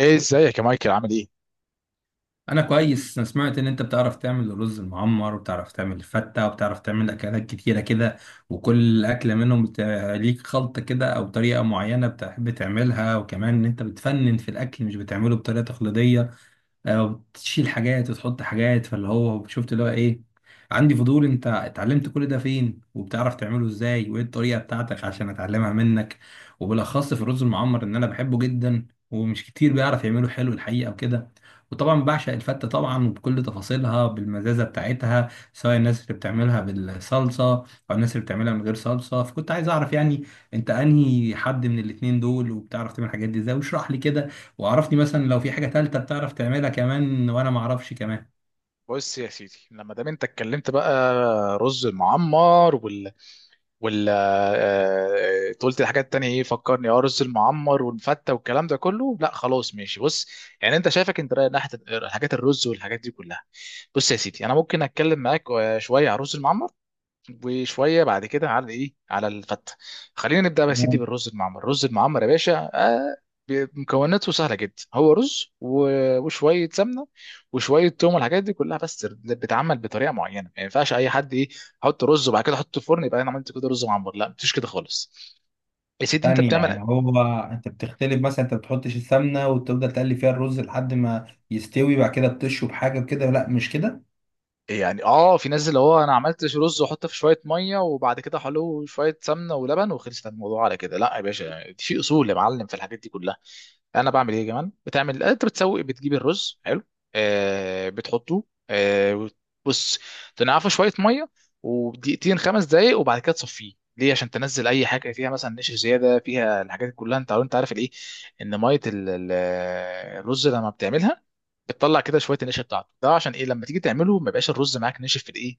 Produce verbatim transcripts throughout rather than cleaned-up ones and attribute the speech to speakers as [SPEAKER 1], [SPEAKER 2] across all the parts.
[SPEAKER 1] ايه، ازيك يا مايكل؟ عامل ايه؟
[SPEAKER 2] انا كويس. انا سمعت ان انت بتعرف تعمل الرز المعمر، وبتعرف تعمل الفتة، وبتعرف تعمل اكلات كتيرة كده، وكل اكلة منهم بت- ليك خلطة كده او طريقة معينة بتحب تعملها، وكمان ان انت بتفنن في الاكل، مش بتعمله بطريقة تقليدية، وتشيل حاجات وتحط حاجات، فاللي هو شفت اللي هو ايه. عندي فضول، انت اتعلمت كل ده فين، وبتعرف تعمله ازاي، وايه الطريقة بتاعتك عشان اتعلمها منك؟ وبالاخص في الرز المعمر، ان انا بحبه جدا ومش كتير بيعرف يعمله حلو الحقيقة وكده. وطبعا بعشق الفتة طبعا، وبكل تفاصيلها بالمزازة بتاعتها، سواء الناس اللي بتعملها بالصلصة او الناس اللي بتعملها من غير صلصة. فكنت عايز اعرف يعني انت انهي حد من الاتنين دول، وبتعرف تعمل الحاجات دي ازاي، واشرح لي كده. وعرفني مثلا لو في حاجة تالتة بتعرف تعملها كمان وانا ما اعرفش كمان
[SPEAKER 1] بص يا سيدي، لما دام انت اتكلمت بقى رز المعمر وال وال آه، آه، قلت الحاجات التانية ايه فكرني؟ اه، رز المعمر والفتة والكلام ده كله. لا خلاص ماشي، بص، يعني انت شايفك انت رايح ناحية الحاجات الرز والحاجات دي كلها. بص يا سيدي، انا ممكن اتكلم معاك آه، شوية على رز المعمر وشويه بعد كده على ايه، على الفته. خلينا نبدا بقى يا سيدي بالرز المعمر. الرز المعمر يا باشا آه ب- مكوناته سهله جدا، هو رز و- وشويه سمنه وشويه توم والحاجات دي كلها، بس بتتعمل بطريقه معينه، ما ينفعش اي حد ايه، احط رز وبعد كده احطه في الفرن يبقى انا عملت كده رز معمر. لا، مفيش كده خالص يا سيدي، انت
[SPEAKER 2] ثانية.
[SPEAKER 1] بتعمل
[SPEAKER 2] يعني هو انت بتختلف مثلا، انت بتحطش السمنة وتفضل تقلي فيها الرز لحد ما يستوي، بعد كده بتشرب حاجة كده؟ لا مش كده.
[SPEAKER 1] يعني اه في ناس اللي هو انا عملت رز واحطه في شويه ميه وبعد كده حلو شويه سمنه ولبن وخلصت الموضوع على كده. لا يا باشا، في اصول يا معلم في الحاجات دي كلها. انا بعمل ايه كمان؟ بتعمل انت بتسوي بتجيب الرز حلو، آه بتحطه، آه وت- بص، تنعفه شويه ميه ودقيقتين خمس دقايق، وبعد كده تصفيه، ليه؟ عشان تنزل اي حاجه فيها مثلا نشا زياده فيها الحاجات دي كلها. انت انت عارف الايه، ان ميه ال- ال- الرز لما بتعملها بتطلع كده شويه النشا بتاعته ده، عشان ايه؟ لما تيجي تعمله ما يبقاش الرز معاك نشف في الايه،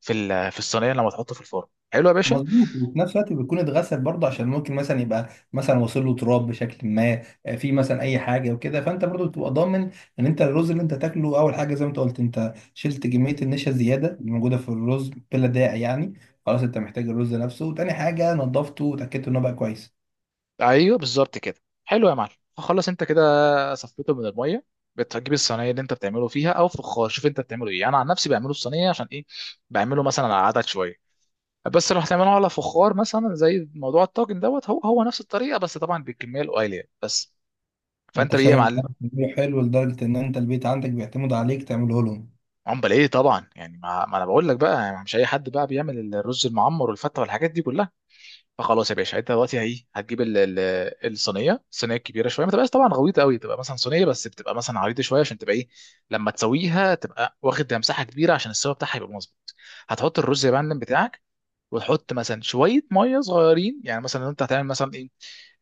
[SPEAKER 1] في ال- في الصينيه لما تحطه في الفرن. حلو يا باشا،
[SPEAKER 2] مظبوط، وفي نفس الوقت بيكون اتغسل برضه، عشان ممكن مثلا يبقى مثلا واصل له تراب بشكل ما، آه، في مثلا اي حاجه وكده. فانت برضه بتبقى ضامن ان انت الرز اللي انت تاكله، اول حاجه زي ما انت قلت، انت شلت كميه النشا الزياده اللي موجوده في الرز بلا داعي يعني. خلاص، انت محتاج الرز نفسه. وتاني حاجه نظفته وتاكدت انه بقى كويس.
[SPEAKER 1] ايوه بالظبط كده. حلو يا معلم، خلص انت كده صفيته من الميه، بتجيب الصينيه اللي انت بتعمله فيها او فخار، شوف انت بتعمله ايه. انا عن نفسي بعمله في صينيه، عشان ايه؟ بعمله مثلا على عدد شويه، بس لو هتعمله على فخار مثلا زي موضوع الطاجن دوت هو هو نفس الطريقه، بس طبعا بالكميه القليله يعني. بس
[SPEAKER 2] انت
[SPEAKER 1] فانت بايه يا
[SPEAKER 2] شكلك
[SPEAKER 1] معلم؟
[SPEAKER 2] بتعرف تعمله حلو لدرجه ان انت البيت عندك بيعتمد عليك تعمله لهم.
[SPEAKER 1] عمال ايه طبعا، يعني ما, ما انا بقول لك بقى يعني مش اي حد بقى بيعمل الرز المعمر والفته والحاجات دي كلها. فخلاص يا باشا، انت دلوقتي هي هتجيب ال- ال- الصينيه، الصينيه الكبيره شويه، ما تبقاش طبعا غويطه قوي، تبقى مثلا صينيه بس بتبقى مثلا عريضه شويه عشان تبقى ايه، لما تسويها تبقى واخد مساحه كبيره عشان السوا بتاعها يبقى مظبوط. هتحط الرز يا معلم بتاعك، وتحط مثلا شويه ميه صغيرين، يعني مثلا انت هتعمل مثلا ايه،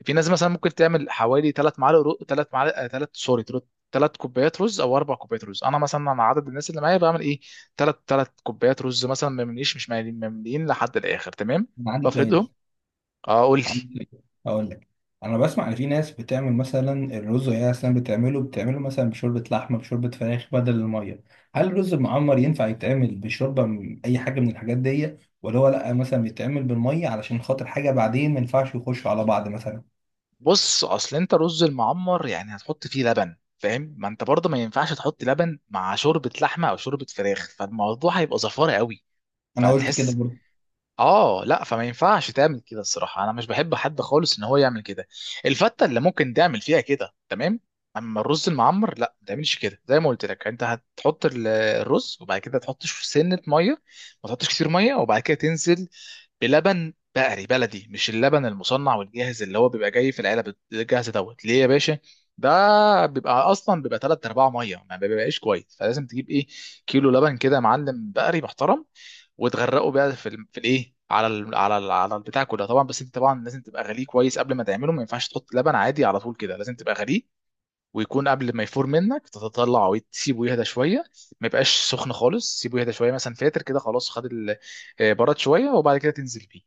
[SPEAKER 1] في ناس مثلا ممكن تعمل حوالي ثلاث معالق رو... ثلاث معالق ثلاث سوري، ثلاث كوبايات رز او اربع كوبايات رز. انا مثلا انا عدد الناس اللي معايا بعمل ايه، 3 3 كوبايات رز مثلا، ما يمليش مش ماليين ممليين لحد الاخر، تمام؟
[SPEAKER 2] انا عندي
[SPEAKER 1] بفردهم.
[SPEAKER 2] سؤال.
[SPEAKER 1] اه، قول لي.
[SPEAKER 2] عندك؟ اقول لك، انا بسمع ان في ناس بتعمل مثلا الرز وهي اصلا بتعمله بتعمله مثلا بشوربه لحمه، بشوربه فراخ، بدل الميه. هل الرز المعمر ينفع يتعمل بشوربه من اي حاجه من الحاجات دي؟ ولا هو لا، مثلا بيتعمل بالميه علشان خاطر حاجه بعدين ما ينفعش يخشوا على بعض مثلا؟
[SPEAKER 1] بص، اصل انت رز المعمر يعني هتحط فيه لبن فاهم، ما انت برضه ما ينفعش تحط لبن مع شوربه لحمه او شوربه فراخ، فالموضوع هيبقى زفاره قوي،
[SPEAKER 2] انا قلت كده
[SPEAKER 1] فهتحس،
[SPEAKER 2] برضه.
[SPEAKER 1] اه لا، فما ينفعش تعمل كده الصراحه، انا مش بحب حد خالص ان هو يعمل كده. الفته اللي ممكن تعمل فيها كده، تمام. اما الرز المعمر لا، ما تعملش كده. زي ما قلت لك، انت هتحط ال- الرز وبعد كده تحط ش- سنه ميه، ما تحطش كتير ميه، وبعد كده تنزل بلبن بقري بلدي، مش اللبن المصنع والجاهز اللي هو بيبقى جاي في العلب الجاهز دوت، ليه يا باشا؟ ده بيبقى اصلا بيبقى ثلاثة ارباع ميه، ما بيبقاش كويس، فلازم تجيب ايه، كيلو لبن كده يا معلم بقري محترم، وتغرقه بقى في ال... في الايه على ال... على ال... على البتاع كده طبعا. بس انت طبعا لازم تبقى غليه كويس قبل ما تعمله، ما ينفعش تحط لبن عادي على طول كده، لازم تبقى غليه، ويكون قبل ما يفور منك تتطلع، وتسيبه يهدى شويه، ما يبقاش سخن خالص، سيبه يهدى شويه مثلا فاتر كده، خلاص خد ال... آه، برد شويه وبعد كده تنزل بيه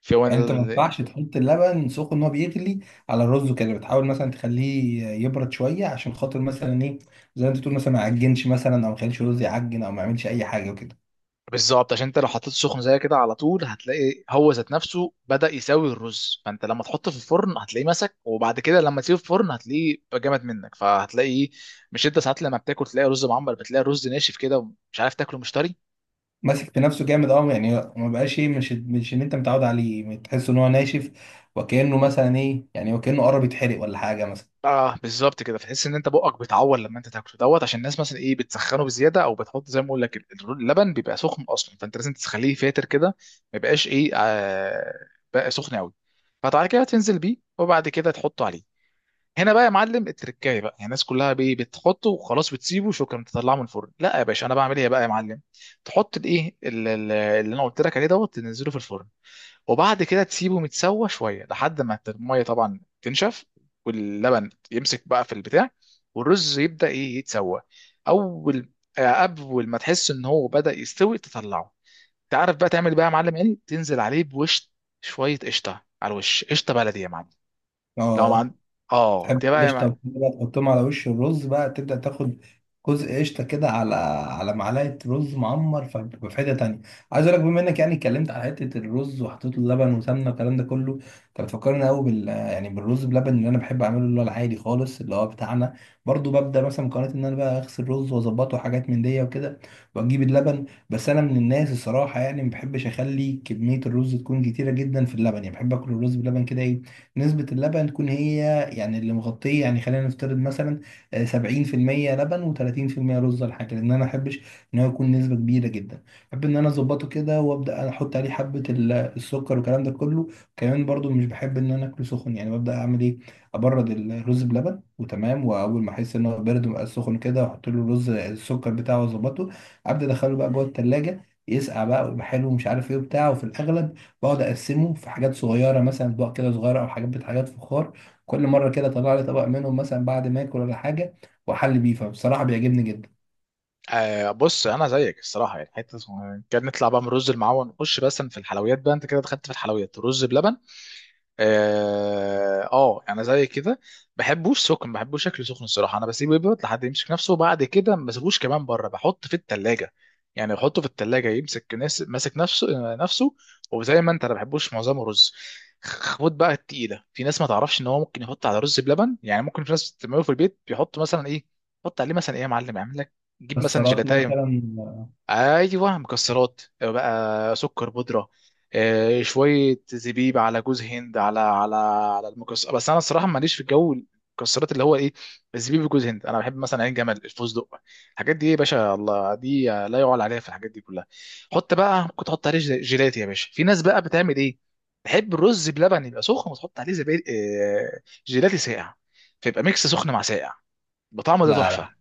[SPEAKER 1] في هو.
[SPEAKER 2] يعني انت ما ينفعش تحط اللبن سخن وهو بيغلي على الرز كده، بتحاول مثلا تخليه يبرد شويه عشان خاطر مثلا ايه، زي ما انت تقول، مثلا ما يعجنش مثلا، او ما يخليش الرز يعجن، او ما يعملش اي حاجه وكده.
[SPEAKER 1] بالظبط، عشان انت لو حطيت سخن زي كده على طول هتلاقي هو ذات نفسه بدأ يساوي الرز، فانت لما تحطه في الفرن هتلاقيه مسك، وبعد كده لما تسيبه في الفرن هتلاقيه بقى جامد منك، فهتلاقيه، مش انت ساعات لما بتاكل تلاقي رز معمر بتلاقي الرز ناشف كده ومش عارف تاكله، مش طري.
[SPEAKER 2] ماسك في نفسه جامد، اه. يعني ما بقاش ايه، مش مش ان انت متعود عليه، تحس ان هو ناشف، وكأنه مثلا ايه يعني، وكأنه قرب يتحرق ولا حاجة مثلا.
[SPEAKER 1] اه بالظبط كده، فتحس ان انت بقك بيتعور لما انت تاكله دوت، عشان الناس مثلا ايه بتسخنه بزياده، او بتحط زي ما بقول لك ال- ال- اللبن بيبقى سخن اصلا، فانت لازم تخليه فاتر كده ما يبقاش ايه آه بقى سخن قوي. فبعد كده تنزل بيه، وبعد كده تحطه عليه. هنا بقى يا معلم التركايه بقى، يعني الناس كلها بي- بتحطه وخلاص بتسيبه، شكرا تطلعه من الفرن. لا يا باشا، انا بعمل ايه بقى يا معلم، تحط الايه ال- ال- اللي انا قلت لك عليه دوت، تنزله في الفرن وبعد كده تسيبه متسوى شويه لحد ما الميه طبعا تنشف، واللبن يمسك بقى في البتاع، والرز يبدا ايه يتسوى. اول آه، اول ما تحس ان هو بدا يستوي تطلعه. تعرف بقى تعمل إيه بقى يا معلم؟ ايه، تنزل عليه بوش شويه قشطه على الوش، قشطه بلدي يا معلم. لو ما
[SPEAKER 2] اه.
[SPEAKER 1] عند... اه،
[SPEAKER 2] تحب
[SPEAKER 1] ده بقى
[SPEAKER 2] القشطة وكده بقى، تحطهم على وش الرز بقى، تبدأ تاخد جزء قشطة كده على على معلقة رز معمر. فبيبقى في حتة تانية عايز أقول لك. بما إنك يعني اتكلمت على حتة الرز وحطيت له لبن وسمنة والكلام ده كله، أنت بتفكرني قوي بال يعني بالرز بلبن اللي أنا بحب أعمله، اللي هو العادي خالص اللي هو بتاعنا. برضو ببدأ مثلا مقارنة، إن أنا بقى أغسل الرز وأظبطه حاجات من دي وكده، وأجيب اللبن. بس أنا من الناس الصراحة يعني ما بحبش أخلي كمية الرز تكون كتيرة جدا في اللبن. يعني بحب آكل الرز بلبن كده إيه، نسبة اللبن تكون هي يعني اللي مغطية. يعني خلينا نفترض مثلا آه، سبعين في المية لبن وتلاتين في المية رز ولا حاجة، لأن أنا محبش إن هو يكون نسبة كبيرة جدا. بحب إن أنا أظبطه كده، وأبدأ أحط عليه حبة ال- السكر والكلام ده كله. كمان برضو مش بحب إن أنا أكله سخن. يعني ببدأ أعمل إيه، أبرد الرز بلبن وتمام، وأول ما أحس إن هو بارد ومبقاش سخن كده، أحط له الرز السكر بتاعه وأظبطه. أبدأ أدخله بقى جوه التلاجة يسقع بقى، ويبقى حلو ومش عارف إيه وبتاع. وفي الأغلب بقعد اقسمه في حاجات صغيره، مثلا اطباق كده صغيره، او حاجات حاجات فخار. كل مره كده طلع لي طبق منهم مثلا بعد ما اكل ولا حاجه، واحل بيه. فبصراحه بيعجبني جدا.
[SPEAKER 1] آه. بص، انا زيك الصراحه، يعني حته اسمها، كان نطلع بقى من الرز المعون نخش بس في الحلويات بقى، انت كده دخلت في الحلويات، رز بلبن. اه آه، انا زي كده بحبوش سخن، بحبوش شكله سخن الصراحه، انا بسيبه يبرد لحد يمسك نفسه وبعد كده ما بسيبوش كمان بره، بحطه في التلاجة، يعني بحطه في التلاجة يمسك ناس ماسك نفسه آه، نفسه وزي ما انت، انا بحبوش معظمه رز، خد بقى التقيله. في ناس ما تعرفش ان هو ممكن يحط على رز بلبن، يعني ممكن في ناس بتعمله في البيت بيحط مثلا ايه، يحط عليه مثلا ايه يا معلم يعمل لك، جيب مثلا
[SPEAKER 2] السلطات مثلا.
[SPEAKER 1] جيلاتايه. ايوه، مكسرات، آه، بقى سكر بودره، آه، شويه زبيب على جوز هند على على على المكسر. بس انا الصراحه ماليش في الجو المكسرات اللي هو ايه، الزبيب وجوز هند، انا بحب مثلا عين جمل، الفستق، الحاجات دي، ايه يا باشا، الله، دي لا يعلى عليها في الحاجات دي كلها. حط بقى، ممكن تحط عليه جل- جيلاتي يا باشا. في ناس بقى بتعمل ايه، تحب الرز بلبن يبقى سخن وتحط عليه زبيب، آه، جيلاتي ساقع، فيبقى ميكس سخن مع ساقع، بطعمه ده
[SPEAKER 2] لا
[SPEAKER 1] تحفه.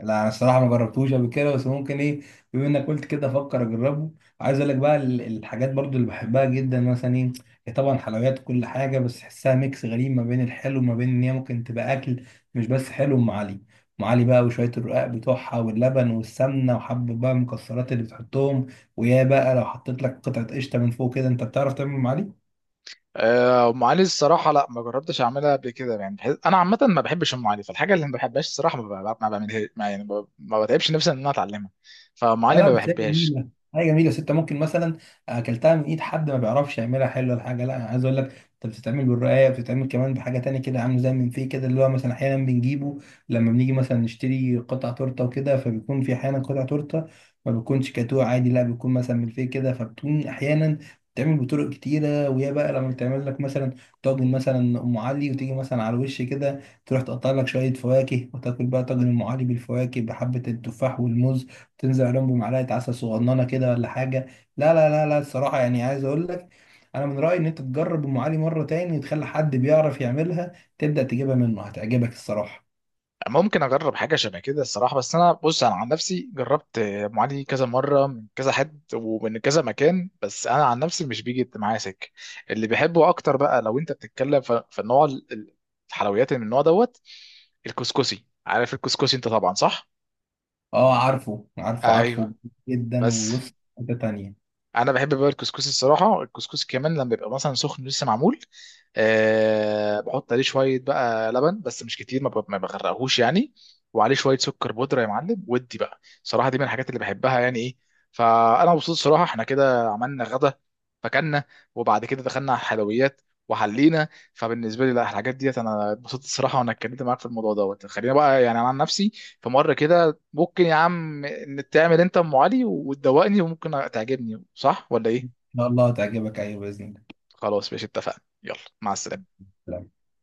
[SPEAKER 2] لا، انا الصراحه ما جربتوش قبل كده، بس ممكن ايه، بما انك قلت كده افكر اجربه. عايز اقول لك بقى، ال- الحاجات برضو اللي بحبها جدا مثلا ايه، هي طبعا حلويات، كل حاجه بس تحسها ميكس غريب ما بين الحلو وما بين ان هي ممكن تبقى اكل، مش بس حلو. ام علي. ام علي بقى وشويه الرقاق بتوعها واللبن والسمنه وحبه بقى المكسرات اللي بتحطهم، ويا بقى لو حطيت لك قطعه قشطه من فوق كده. انت بتعرف تعمل ام علي؟
[SPEAKER 1] آه، ام علي الصراحه لا ما جربتش اعملها قبل كده، يعني بحس... انا عامه ما بحبش ام علي، فالحاجه اللي ما بحبهاش الصراحه ما, ب... ما بعملها، ما يعني ب... ما بتعبش نفسي ان انا اتعلمها، فام
[SPEAKER 2] لا
[SPEAKER 1] علي
[SPEAKER 2] لا،
[SPEAKER 1] ما
[SPEAKER 2] بس هي
[SPEAKER 1] بحبهاش.
[SPEAKER 2] جميلة. هي جميلة، بس انت ممكن مثلا اكلتها من ايد حد ما بيعرفش يعملها حلوة ولا حاجة. لا، أنا عايز اقول لك، انت بتتعمل بالرقاية، بتتعمل كمان بحاجة تانية كده عامل زي من فيه كده، اللي هو مثلا احيانا بنجيبه لما بنيجي مثلا نشتري قطع تورتة وكده، فبيكون في احيانا قطع تورتة ما بيكونش كاتوه عادي، لا بيكون مثلا من فيه كده. فبتكون احيانا بتعمل بطرق كتيرة. وهي بقى لما بتعمل لك مثلا طاجن مثلا ام علي، وتيجي مثلا على الوش كده تروح تقطع لك شوية فواكه، وتاكل بقى طاجن ام علي بالفواكه بحبة التفاح والموز، تنزل عليهم بمعلقه عسل صغننه كده ولا حاجه. لا لا لا لا، الصراحه يعني عايز اقول لك، انا من رايي ان انت تجرب ام علي مره تاني، وتخلي حد بيعرف يعملها تبدا تجيبها منه، هتعجبك الصراحه.
[SPEAKER 1] ممكن اجرب حاجه شبه كده الصراحه، بس انا بص انا عن نفسي جربت آه، ام علي كذا مره من كذا حد ومن كذا مكان، بس انا عن نفسي مش بيجي معايا سكه. اللي بحبه اكتر بقى لو انت بتتكلم ف... في النوع ال- ال- الحلويات اللي من النوع دوت، الكسكسي، عارف الكسكسي انت طبعا صح؟
[SPEAKER 2] اه عارفه عارفه
[SPEAKER 1] ايوه،
[SPEAKER 2] عارفه جدا.
[SPEAKER 1] بس
[SPEAKER 2] وبص حته تانيه ان
[SPEAKER 1] انا بحب بقى الكسكسي الصراحه، الكسكسي كمان لما بيبقى مثلا سخن لسه معمول، أه بحط عليه شويه بقى لبن بس مش كتير، ما ب- ما بغرقهوش يعني، وعليه شويه سكر بودره يا معلم، ودي بقى صراحه دي من الحاجات اللي بحبها يعني ايه. فانا مبسوط صراحه، احنا كده عملنا غدا فكلنا، وبعد كده دخلنا على الحلويات وحلينا، فبالنسبه لي لا، الحاجات ديت انا اتبسطت الصراحه، وانا اتكلمت معاك في الموضوع دوت. خلينا بقى يعني أنا عن نفسي في مره كده، ممكن يا عم إن تعمل انت ام علي وتدوقني، وممكن تعجبني، صح ولا ايه؟
[SPEAKER 2] شاء الله هتعجبك، ايوه باذن الله.
[SPEAKER 1] خلاص ماشي، اتفقنا، يلا مع السلامه.